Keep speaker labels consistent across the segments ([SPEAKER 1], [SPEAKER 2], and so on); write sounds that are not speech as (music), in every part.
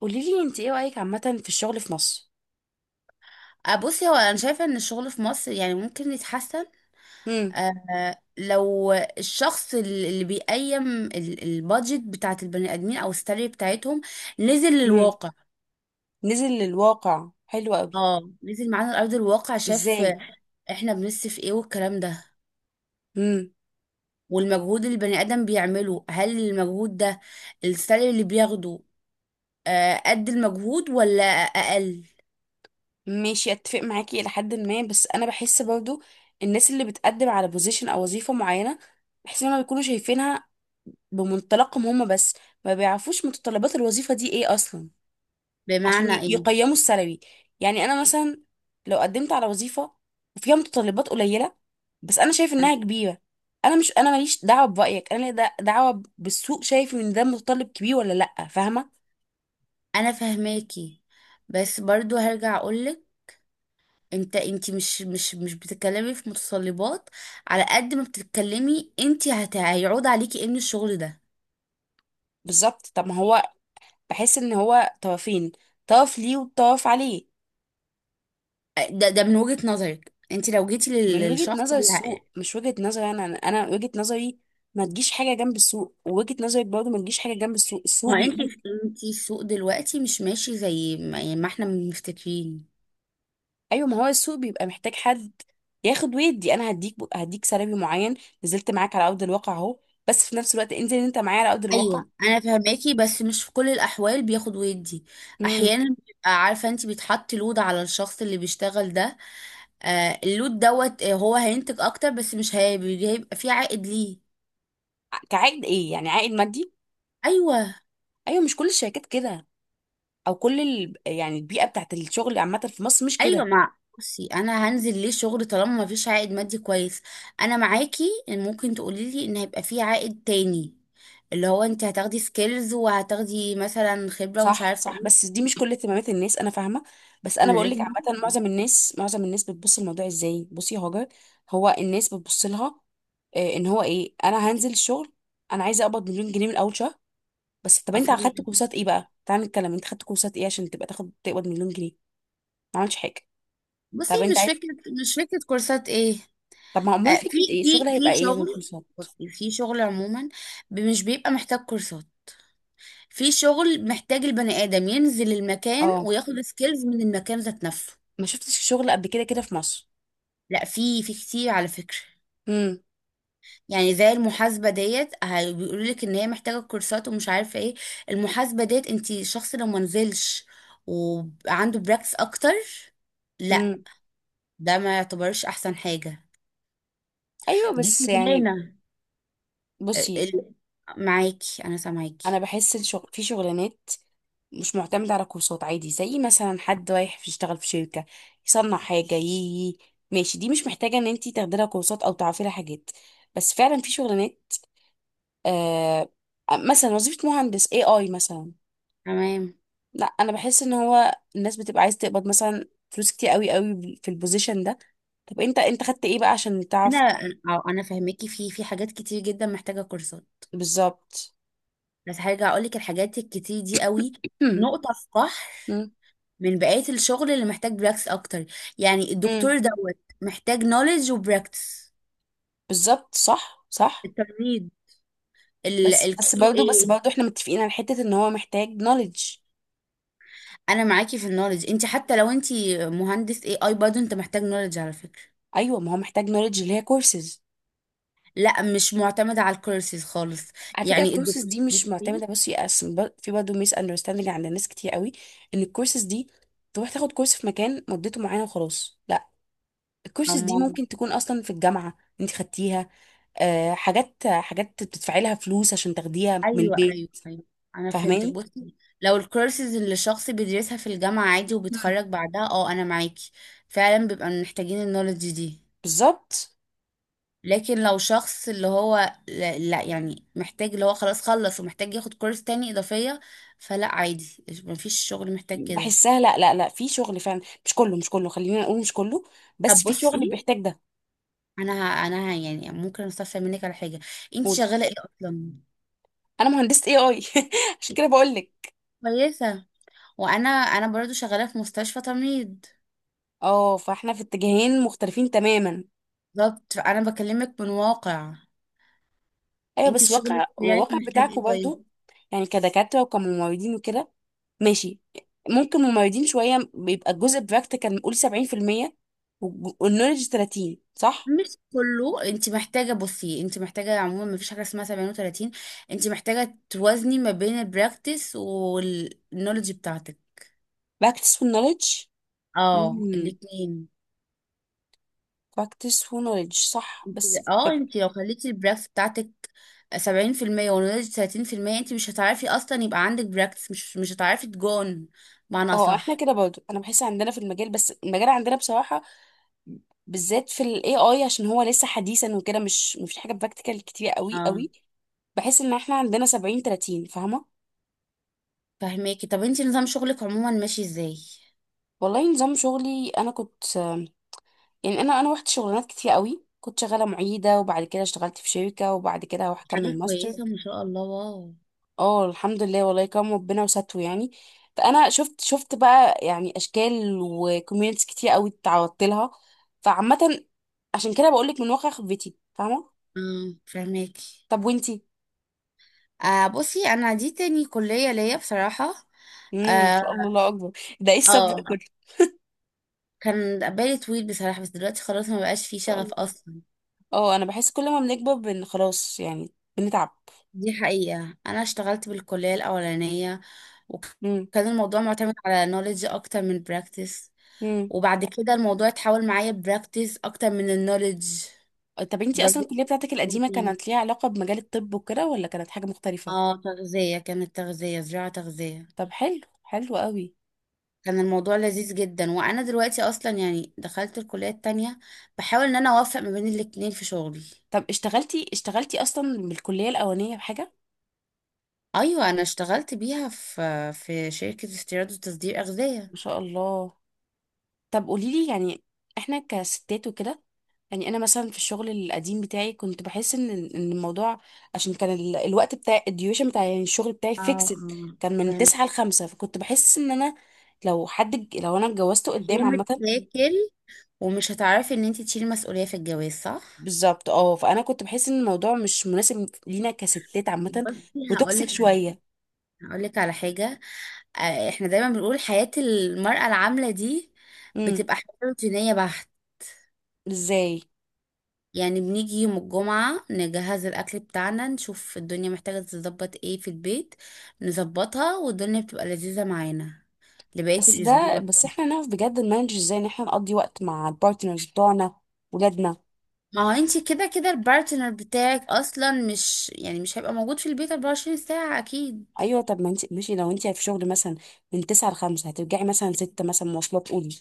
[SPEAKER 1] قولي لي، انت ايه رايك عامه في الشغل في مصر؟
[SPEAKER 2] بصي، هو انا شايفه ان الشغل في مصر يعني ممكن يتحسن.
[SPEAKER 1] امم.
[SPEAKER 2] لو الشخص اللي بيقيم البادجت بتاعت البني ادمين او السالري بتاعتهم نزل
[SPEAKER 1] امم.
[SPEAKER 2] للواقع.
[SPEAKER 1] نزل للواقع، حلو قوي.
[SPEAKER 2] اه، نزل معانا لارض الواقع، شاف
[SPEAKER 1] ازاي؟
[SPEAKER 2] احنا بنصرف ايه والكلام ده،
[SPEAKER 1] امم.
[SPEAKER 2] والمجهود اللي البني ادم بيعمله، هل المجهود ده السالري اللي بياخده قد المجهود ولا اقل؟
[SPEAKER 1] ماشي، اتفق معاكي الى حد ما، بس انا بحس برضو الناس اللي بتقدم على بوزيشن او وظيفه معينه، بحس انهم بيكونوا شايفينها بمنطلقهم هم بس، ما بيعرفوش متطلبات الوظيفه دي ايه اصلا. عشان
[SPEAKER 2] بمعنى ايه؟
[SPEAKER 1] يقيموا السلبي. يعني انا مثلا لو قدمت على وظيفه وفيها متطلبات قليله بس انا شايف انها كبيره. انا مش انا ماليش دعوه برايك، انا ليا دعوه بالسوق، شايف ان ده متطلب كبير ولا لا، فاهمه.
[SPEAKER 2] انا فهماكي، بس برضو هرجع اقولك. انت مش بتتكلمي في متطلبات. على قد ما بتتكلمي انت هيعود عليكي ان الشغل ده.
[SPEAKER 1] بالظبط طب ما هو، بحس ان هو طرفين، طرف ليه وطرف عليه.
[SPEAKER 2] ده من وجهة نظرك انت لو جيتي
[SPEAKER 1] من وجهه
[SPEAKER 2] للشخص
[SPEAKER 1] نظر
[SPEAKER 2] اللي
[SPEAKER 1] السوق مش وجهه نظري انا، انا أنا وجهه نظري ما تجيش حاجه جنب السوق، ووجهه نظرك برضه ما تجيش حاجه جنب السوق، السوق
[SPEAKER 2] ما انت
[SPEAKER 1] بيقول.
[SPEAKER 2] انت السوق دلوقتي مش ماشي زي ما احنا مفتكرين.
[SPEAKER 1] ايوه ما هو السوق بيبقى محتاج حد ياخد ويدي، انا هديك سلبي معين. نزلت معاك على ارض الواقع اهو، بس في نفس الوقت انزل انت معايا على ارض الواقع.
[SPEAKER 2] ايوه، انا فهماكي بس مش في كل الاحوال بياخد ويدي.
[SPEAKER 1] امم.
[SPEAKER 2] احيانا بيبقى عارفه، انت بيتحط لود على الشخص اللي بيشتغل ده. اللود دوت، هو هينتج اكتر بس مش هي- هيبقى فيه عائد ليه؟
[SPEAKER 1] كعائد ايه؟ يعني عائد مادي.
[SPEAKER 2] ايوه،
[SPEAKER 1] ايوه، مش كل الشركات كده، او كل يعني البيئه بتاعت الشغل عامه في مصر مش
[SPEAKER 2] ايوه.
[SPEAKER 1] كده.
[SPEAKER 2] بصي، انا هنزل ليه شغل طالما ما فيش عائد مادي كويس؟ انا معاكي ان ممكن تقولي لي ان هيبقى فيه عائد تاني، اللي هو انت هتاخدي سكيلز وهتاخدي مثلا خبرة ومش
[SPEAKER 1] صح
[SPEAKER 2] عارفة
[SPEAKER 1] صح،
[SPEAKER 2] ايه.
[SPEAKER 1] بس دي مش كل اهتمامات الناس، انا فاهمه. بس انا
[SPEAKER 2] انا
[SPEAKER 1] بقول لك،
[SPEAKER 2] لازم
[SPEAKER 1] عامه معظم الناس، بتبص الموضوع ازاي. بصي يا هاجر، هو الناس بتبص لها ان هو ايه. انا هنزل الشغل، انا عايزه اقبض مليون جنيه من اول شهر. بس طب انت
[SPEAKER 2] افهم.
[SPEAKER 1] اخدت كورسات ايه بقى؟ تعال نتكلم، انت خدت كورسات ايه عشان تبقى تاخد تقبض مليون جنيه؟ ما عملتش حاجه.
[SPEAKER 2] بصي،
[SPEAKER 1] طب انت عايز،
[SPEAKER 2] مش فكرة كورسات ايه.
[SPEAKER 1] طب ما امال
[SPEAKER 2] في
[SPEAKER 1] فكره ايه؟
[SPEAKER 2] في
[SPEAKER 1] الشغل هيبقى
[SPEAKER 2] في
[SPEAKER 1] ايه غير
[SPEAKER 2] شغل،
[SPEAKER 1] الكورسات؟
[SPEAKER 2] في شغل عموما مش بيبقى محتاج كورسات. في شغل محتاج البني ادم ينزل المكان
[SPEAKER 1] اه
[SPEAKER 2] وياخد سكيلز من المكان ذات نفسه.
[SPEAKER 1] ما شفتش شغل قبل كده كده في مصر؟
[SPEAKER 2] لا، في كتير على فكرة.
[SPEAKER 1] امم.
[SPEAKER 2] يعني زي المحاسبة ديت، بيقولوا لك ان هي محتاجة كورسات ومش عارفة ايه. المحاسبة ديت انت شخص لو ما نزلش وعنده براكتس اكتر، لا،
[SPEAKER 1] امم.
[SPEAKER 2] ده ما يعتبرش احسن حاجة.
[SPEAKER 1] ايوه
[SPEAKER 2] دي
[SPEAKER 1] بس يعني،
[SPEAKER 2] شغلانة ال-
[SPEAKER 1] بصي
[SPEAKER 2] ال- معاكي، انا
[SPEAKER 1] انا
[SPEAKER 2] سامعاكي.
[SPEAKER 1] بحس الشغل في شغلانات مش معتمده على كورسات، عادي زي مثلا حد رايح يشتغل في شركه يصنع حاجه يي، ماشي، دي مش محتاجه ان انت تاخدي لها كورسات او تعرفي لها حاجات. بس فعلا في شغلانات آه مثلا وظيفه مهندس اي اي مثلا.
[SPEAKER 2] تمام.
[SPEAKER 1] لا، انا بحس ان هو الناس بتبقى عايز تقبض مثلا فلوس كتير قوي قوي في البوزيشن ده. طب انت خدت ايه بقى عشان
[SPEAKER 2] انا،
[SPEAKER 1] تعرف؟
[SPEAKER 2] أو فاهماكي. في حاجات كتير جدا محتاجة كورسات،
[SPEAKER 1] بالظبط.
[SPEAKER 2] بس هرجع اقول لك الحاجات الكتير دي قوي
[SPEAKER 1] هم.
[SPEAKER 2] نقطة في بحر
[SPEAKER 1] هم.
[SPEAKER 2] من بقية الشغل اللي محتاج براكتس اكتر. يعني
[SPEAKER 1] هم.
[SPEAKER 2] الدكتور دوت محتاج نوليدج وبراكتس.
[SPEAKER 1] بالظبط، صح صح.
[SPEAKER 2] التمريض، الكيو
[SPEAKER 1] بس
[SPEAKER 2] اي.
[SPEAKER 1] برضه احنا متفقين على حتة ان هو محتاج نوليدج.
[SPEAKER 2] انا معاكي في النولج. انت حتى لو انت مهندس اي اي برضه انت محتاج نولج على فكره.
[SPEAKER 1] ايوه ما هو محتاج نوليدج اللي هي كورسز.
[SPEAKER 2] لا، مش معتمده على الكورسز خالص.
[SPEAKER 1] على فكره
[SPEAKER 2] يعني
[SPEAKER 1] الكورسز
[SPEAKER 2] الدكتور
[SPEAKER 1] دي مش
[SPEAKER 2] بصي
[SPEAKER 1] معتمده، بس يقسم في برضه ميس اندرستاندينج عند ناس كتير قوي ان الكورسز دي تروح تاخد كورس في مكان مدته معينه وخلاص، لا، الكورسز دي
[SPEAKER 2] أما
[SPEAKER 1] ممكن تكون اصلا في الجامعه انت خدتيها، حاجات بتدفعي لها فلوس عشان تاخديها من
[SPEAKER 2] ايوه،
[SPEAKER 1] البيت.
[SPEAKER 2] ايوه، ايوه، انا فهمتك.
[SPEAKER 1] فاهماني.
[SPEAKER 2] بصي، لو الكورسز اللي الشخص بيدرسها في الجامعه عادي
[SPEAKER 1] مم.
[SPEAKER 2] وبيتخرج بعدها، اه، انا معاكي. فعلا بيبقى محتاجين النولج دي.
[SPEAKER 1] بالظبط.
[SPEAKER 2] لكن لو شخص اللي هو، لا لا، يعني محتاج اللي هو خلاص خلص ومحتاج ياخد كورس تاني إضافية، فلا، عادي، مفيش شغل محتاج كده.
[SPEAKER 1] بحسها لا لا لا، في شغل فعلا، مش كله مش كله، خلينا نقول مش كله،
[SPEAKER 2] طب
[SPEAKER 1] بس في شغل
[SPEAKER 2] بصي،
[SPEAKER 1] بيحتاج ده.
[SPEAKER 2] يعني ممكن استفسر منك على حاجة؟ انت
[SPEAKER 1] قولي.
[SPEAKER 2] شغالة ايه اصلا؟
[SPEAKER 1] انا مهندسة اي اي (laughs) عشان كده بقول لك.
[SPEAKER 2] كويسة. وانا، انا برضو شغالة في مستشفى تمريض.
[SPEAKER 1] اه فاحنا في اتجاهين مختلفين تماما.
[SPEAKER 2] بالظبط، فانا بكلمك من واقع.
[SPEAKER 1] ايوه
[SPEAKER 2] انت
[SPEAKER 1] بس
[SPEAKER 2] الشغل
[SPEAKER 1] واقع،
[SPEAKER 2] بتاعك
[SPEAKER 1] الواقع
[SPEAKER 2] محتاج
[SPEAKER 1] بتاعكم
[SPEAKER 2] ايه طيب؟
[SPEAKER 1] برضو. يعني كدكاترة وكممرضين وكده، ماشي. ممكن ممرضين شوية بيبقى الجزء براكتيكال نقول 70% والنولج 30، صح؟
[SPEAKER 2] مش كله انت محتاجه. بصي، انت محتاجه عموما، ما فيش حاجه اسمها 37. انت محتاجه توازني ما بين البراكتس والنولج بتاعتك.
[SPEAKER 1] براكتس والنولج.
[SPEAKER 2] اه،
[SPEAKER 1] امم.
[SPEAKER 2] الاثنين.
[SPEAKER 1] practice و knowledge صح، بس
[SPEAKER 2] اه،
[SPEAKER 1] ببقى
[SPEAKER 2] انت لو خليتي البراكتس بتاعتك 70% والنولج 30%، انت مش هتعرفي اصلا يبقى عندك براكتس، مش هتعرفي تجون معنى،
[SPEAKER 1] اه احنا
[SPEAKER 2] صح؟
[SPEAKER 1] كده برضو. انا بحس عندنا في المجال، بس المجال عندنا بصراحة بالذات في ال AI، عشان هو لسه حديثا وكده، مش مفيش حاجة براكتيكال كتير قوي
[SPEAKER 2] اه،
[SPEAKER 1] قوي. بحس ان احنا عندنا 70 30، فاهمة؟
[SPEAKER 2] فهماكي. طب انت نظام شغلك عموما ماشي ازاي؟
[SPEAKER 1] والله نظام شغلي انا كنت، يعني انا روحت شغلانات كتير قوي، كنت شغالة معيدة وبعد كده اشتغلت في شركة، وبعد كده هروح اكمل
[SPEAKER 2] حاجه
[SPEAKER 1] ماستر.
[SPEAKER 2] كويسه، ما شاء الله، واو.
[SPEAKER 1] اه الحمد لله، والله كرم ربنا وستره يعني. فانا شفت بقى يعني اشكال وكوميونتس كتير قوي اتعرضت لها، فعامه عشان كده بقول لك من واقع خبرتي، فاهمه.
[SPEAKER 2] اه، فهماكي.
[SPEAKER 1] طب وانتي؟
[SPEAKER 2] بصي، انا دي تاني كلية ليا بصراحة.
[SPEAKER 1] امم. ان
[SPEAKER 2] اه.
[SPEAKER 1] شاء الله، الله اكبر (laughs) ده ايه الصبر ده
[SPEAKER 2] آه،
[SPEAKER 1] كله؟
[SPEAKER 2] كان بالي طويل بصراحة بس دلوقتي خلاص ما بقاش فيه
[SPEAKER 1] ان شاء
[SPEAKER 2] شغف
[SPEAKER 1] الله.
[SPEAKER 2] اصلا.
[SPEAKER 1] اه انا بحس كل ما بنكبر خلاص يعني بنتعب.
[SPEAKER 2] دي حقيقة. انا اشتغلت بالكلية الاولانية
[SPEAKER 1] امم.
[SPEAKER 2] وكان الموضوع معتمد على نوليدج اكتر من براكتس،
[SPEAKER 1] امم.
[SPEAKER 2] وبعد كده الموضوع اتحول معايا براكتس اكتر من النوليدج.
[SPEAKER 1] طب انتي اصلا
[SPEAKER 2] برضو
[SPEAKER 1] الكليه بتاعتك
[SPEAKER 2] شغل
[SPEAKER 1] القديمه
[SPEAKER 2] تاني.
[SPEAKER 1] كانت ليها علاقه بمجال الطب وكده، ولا كانت حاجه مختلفه؟
[SPEAKER 2] اه، تغذية، كانت تغذية زراعة تغذية.
[SPEAKER 1] طب حلو حلو قوي.
[SPEAKER 2] كان الموضوع لذيذ جدا. وانا دلوقتي اصلا يعني دخلت الكلية التانية، بحاول ان انا اوفق ما بين الاتنين في شغلي.
[SPEAKER 1] طب اشتغلتي اصلا بالكليه الاولانيه بحاجه؟
[SPEAKER 2] ايوه، انا اشتغلت بيها في شركة استيراد وتصدير
[SPEAKER 1] ما
[SPEAKER 2] اغذية.
[SPEAKER 1] شاء الله. طب قولي لي يعني، احنا كستات وكده، يعني انا مثلا في الشغل القديم بتاعي كنت بحس ان الموضوع، عشان كان الوقت بتاع الديوشن بتاع يعني الشغل بتاعي
[SPEAKER 2] اه،
[SPEAKER 1] فيكسد،
[SPEAKER 2] آه.
[SPEAKER 1] كان من
[SPEAKER 2] فاهمة.
[SPEAKER 1] 9 ل5، فكنت بحس ان انا لو انا اتجوزته قدام
[SPEAKER 2] يوم
[SPEAKER 1] عامة،
[SPEAKER 2] تاكل، ومش هتعرفي ان انت تشيلي مسؤولية في الجواز، صح.
[SPEAKER 1] بالظبط اه، فانا كنت بحس ان الموضوع مش مناسب لينا كستات عامة،
[SPEAKER 2] بصي،
[SPEAKER 1] وتوكسيك شوية.
[SPEAKER 2] هقولك على حاجة. احنا دايما بنقول حياة المرأة العاملة دي
[SPEAKER 1] امم.
[SPEAKER 2] بتبقى حياة روتينية بحت.
[SPEAKER 1] ازاي؟
[SPEAKER 2] يعني بنيجي يوم الجمعة نجهز الأكل بتاعنا، نشوف الدنيا محتاجة تتظبط ايه في البيت، نظبطها، والدنيا بتبقى لذيذة معانا لبقية
[SPEAKER 1] بس ده
[SPEAKER 2] الأسبوع.
[SPEAKER 1] احنا نعرف بجد نمانج ازاي ان احنا نقضي وقت مع البارتنرز بتوعنا، ولادنا.
[SPEAKER 2] ما هو انتي كده كده البارتنر بتاعك أصلا مش، يعني مش هيبقى موجود في البيت 24 ساعة أكيد.
[SPEAKER 1] ايوه طب ما انت ماشي، لو انت في شغل مثلا من 9 ل 5، هترجعي مثلا 6، مثلا مواصلات، قولي.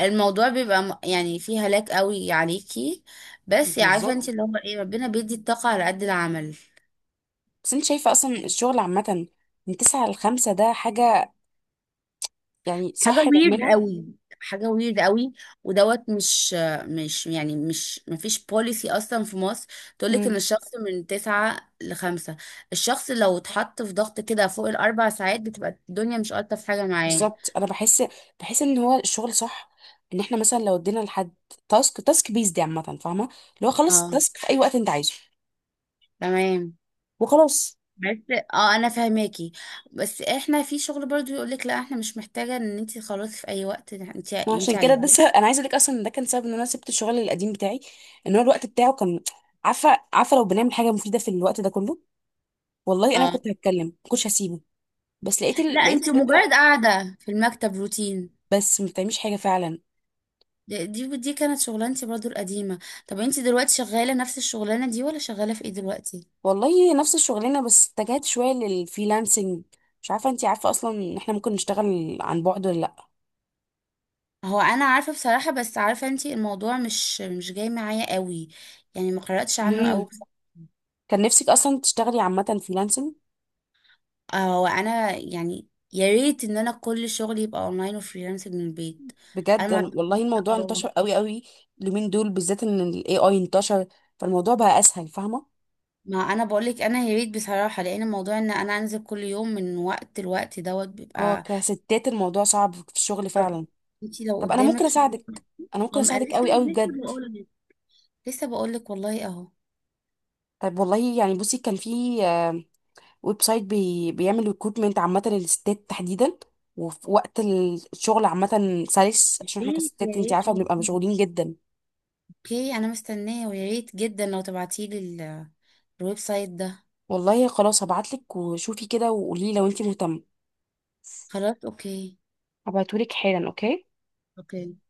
[SPEAKER 2] الموضوع بيبقى يعني فيه هلاك قوي عليكي، بس عارفة
[SPEAKER 1] بالظبط.
[SPEAKER 2] انتي اللي هو ايه، ربنا بيدي الطاقة على قد العمل.
[SPEAKER 1] بس انت شايفه اصلا الشغل عامه من 9 ل 5 ده حاجه يعني
[SPEAKER 2] حاجة
[SPEAKER 1] صح
[SPEAKER 2] ويرد
[SPEAKER 1] نعملها؟
[SPEAKER 2] قوي، حاجة ويرد قوي. ودوت، مش يعني مش، مفيش بوليسي أصلا في مصر تقولك إن
[SPEAKER 1] امم.
[SPEAKER 2] الشخص من تسعة لخمسة. الشخص لو اتحط في ضغط كده فوق الأربع ساعات بتبقى الدنيا مش ألطف حاجة معاه.
[SPEAKER 1] بالظبط. انا بحس ان هو الشغل صح ان احنا مثلا لو ادينا لحد تاسك، تاسك بيز دي عامه فاهمه، اللي هو خلص
[SPEAKER 2] اه،
[SPEAKER 1] التاسك في اي وقت انت عايزه
[SPEAKER 2] تمام.
[SPEAKER 1] وخلاص.
[SPEAKER 2] بس انا فاهماكي، بس احنا في شغل برضو يقولك لا، احنا مش محتاجة ان انتي خلاص في اي وقت انتي
[SPEAKER 1] ما
[SPEAKER 2] انتي
[SPEAKER 1] عشان كده ده
[SPEAKER 2] عايزاه.
[SPEAKER 1] انا عايزه اقول لك اصلا إن ده كان سبب ان انا سبت الشغل القديم بتاعي. ان هو الوقت بتاعه كان، عارفه لو بنعمل حاجه مفيده في الوقت ده كله، والله انا
[SPEAKER 2] اه.
[SPEAKER 1] كنت هتكلم ما كنتش هسيبه. بس لقيت
[SPEAKER 2] لا، انتي مجرد
[SPEAKER 1] الفكره،
[SPEAKER 2] قاعدة في المكتب، روتين.
[SPEAKER 1] بس ما بتعملش حاجه فعلا.
[SPEAKER 2] دي كانت شغلانتي برضو القديمة. طب انتي دلوقتي شغالة نفس الشغلانة دي ولا شغالة في ايه دلوقتي؟
[SPEAKER 1] والله نفس الشغلانه، بس اتجهت شويه للفريلانسنج. مش عارفه انتي عارفه اصلا ان احنا ممكن نشتغل عن بعد ولا لا.
[SPEAKER 2] هو انا عارفة بصراحة، بس عارفة انتي الموضوع مش جاي معايا قوي. يعني ما قرأتش عنه
[SPEAKER 1] مم.
[SPEAKER 2] قوي
[SPEAKER 1] كان نفسك اصلا تشتغلي عامه فريلانسنج؟
[SPEAKER 2] هو انا يعني، يا ريت ان انا كل شغلي يبقى اونلاين وفريلانسنج من البيت. انا
[SPEAKER 1] بجد
[SPEAKER 2] ما عنديش-
[SPEAKER 1] والله الموضوع
[SPEAKER 2] اه.
[SPEAKER 1] انتشر قوي قوي اليومين دول بالذات ان الاي اي انتشر، فالموضوع بقى اسهل، فاهمه.
[SPEAKER 2] ما انا بقولك، انا يا ريت بصراحة، لان موضوع ان انا انزل كل يوم من وقت لوقت دوت
[SPEAKER 1] اه
[SPEAKER 2] بيبقى.
[SPEAKER 1] كستات الموضوع صعب في الشغل
[SPEAKER 2] طب
[SPEAKER 1] فعلا.
[SPEAKER 2] انتي لو
[SPEAKER 1] طب انا ممكن
[SPEAKER 2] قدامك شغل،
[SPEAKER 1] اساعدك، انا ممكن اساعدك
[SPEAKER 2] لسه
[SPEAKER 1] قوي قوي
[SPEAKER 2] لسه
[SPEAKER 1] بجد.
[SPEAKER 2] بقولك، لسه بقولك والله اهو.
[SPEAKER 1] طيب والله يعني بصي كان في ويب سايت بيعمل ريكروتمنت عامة للستات تحديدا، وفي وقت الشغل عامة سلس،
[SPEAKER 2] يا
[SPEAKER 1] عشان احنا
[SPEAKER 2] ريت، يا
[SPEAKER 1] كستات انت
[SPEAKER 2] ريت
[SPEAKER 1] عارفة بنبقى
[SPEAKER 2] والله.
[SPEAKER 1] مشغولين جدا.
[SPEAKER 2] اوكي، انا مستنية ويا ريت جدا لو تبعتيلي الويب سايت ده.
[SPEAKER 1] والله خلاص هبعتلك، وشوفي كده وقولي لو انت مهتمة.
[SPEAKER 2] خلاص، اوكي.
[SPEAKER 1] هبعتهولك حالا، اوكي؟
[SPEAKER 2] اوكي.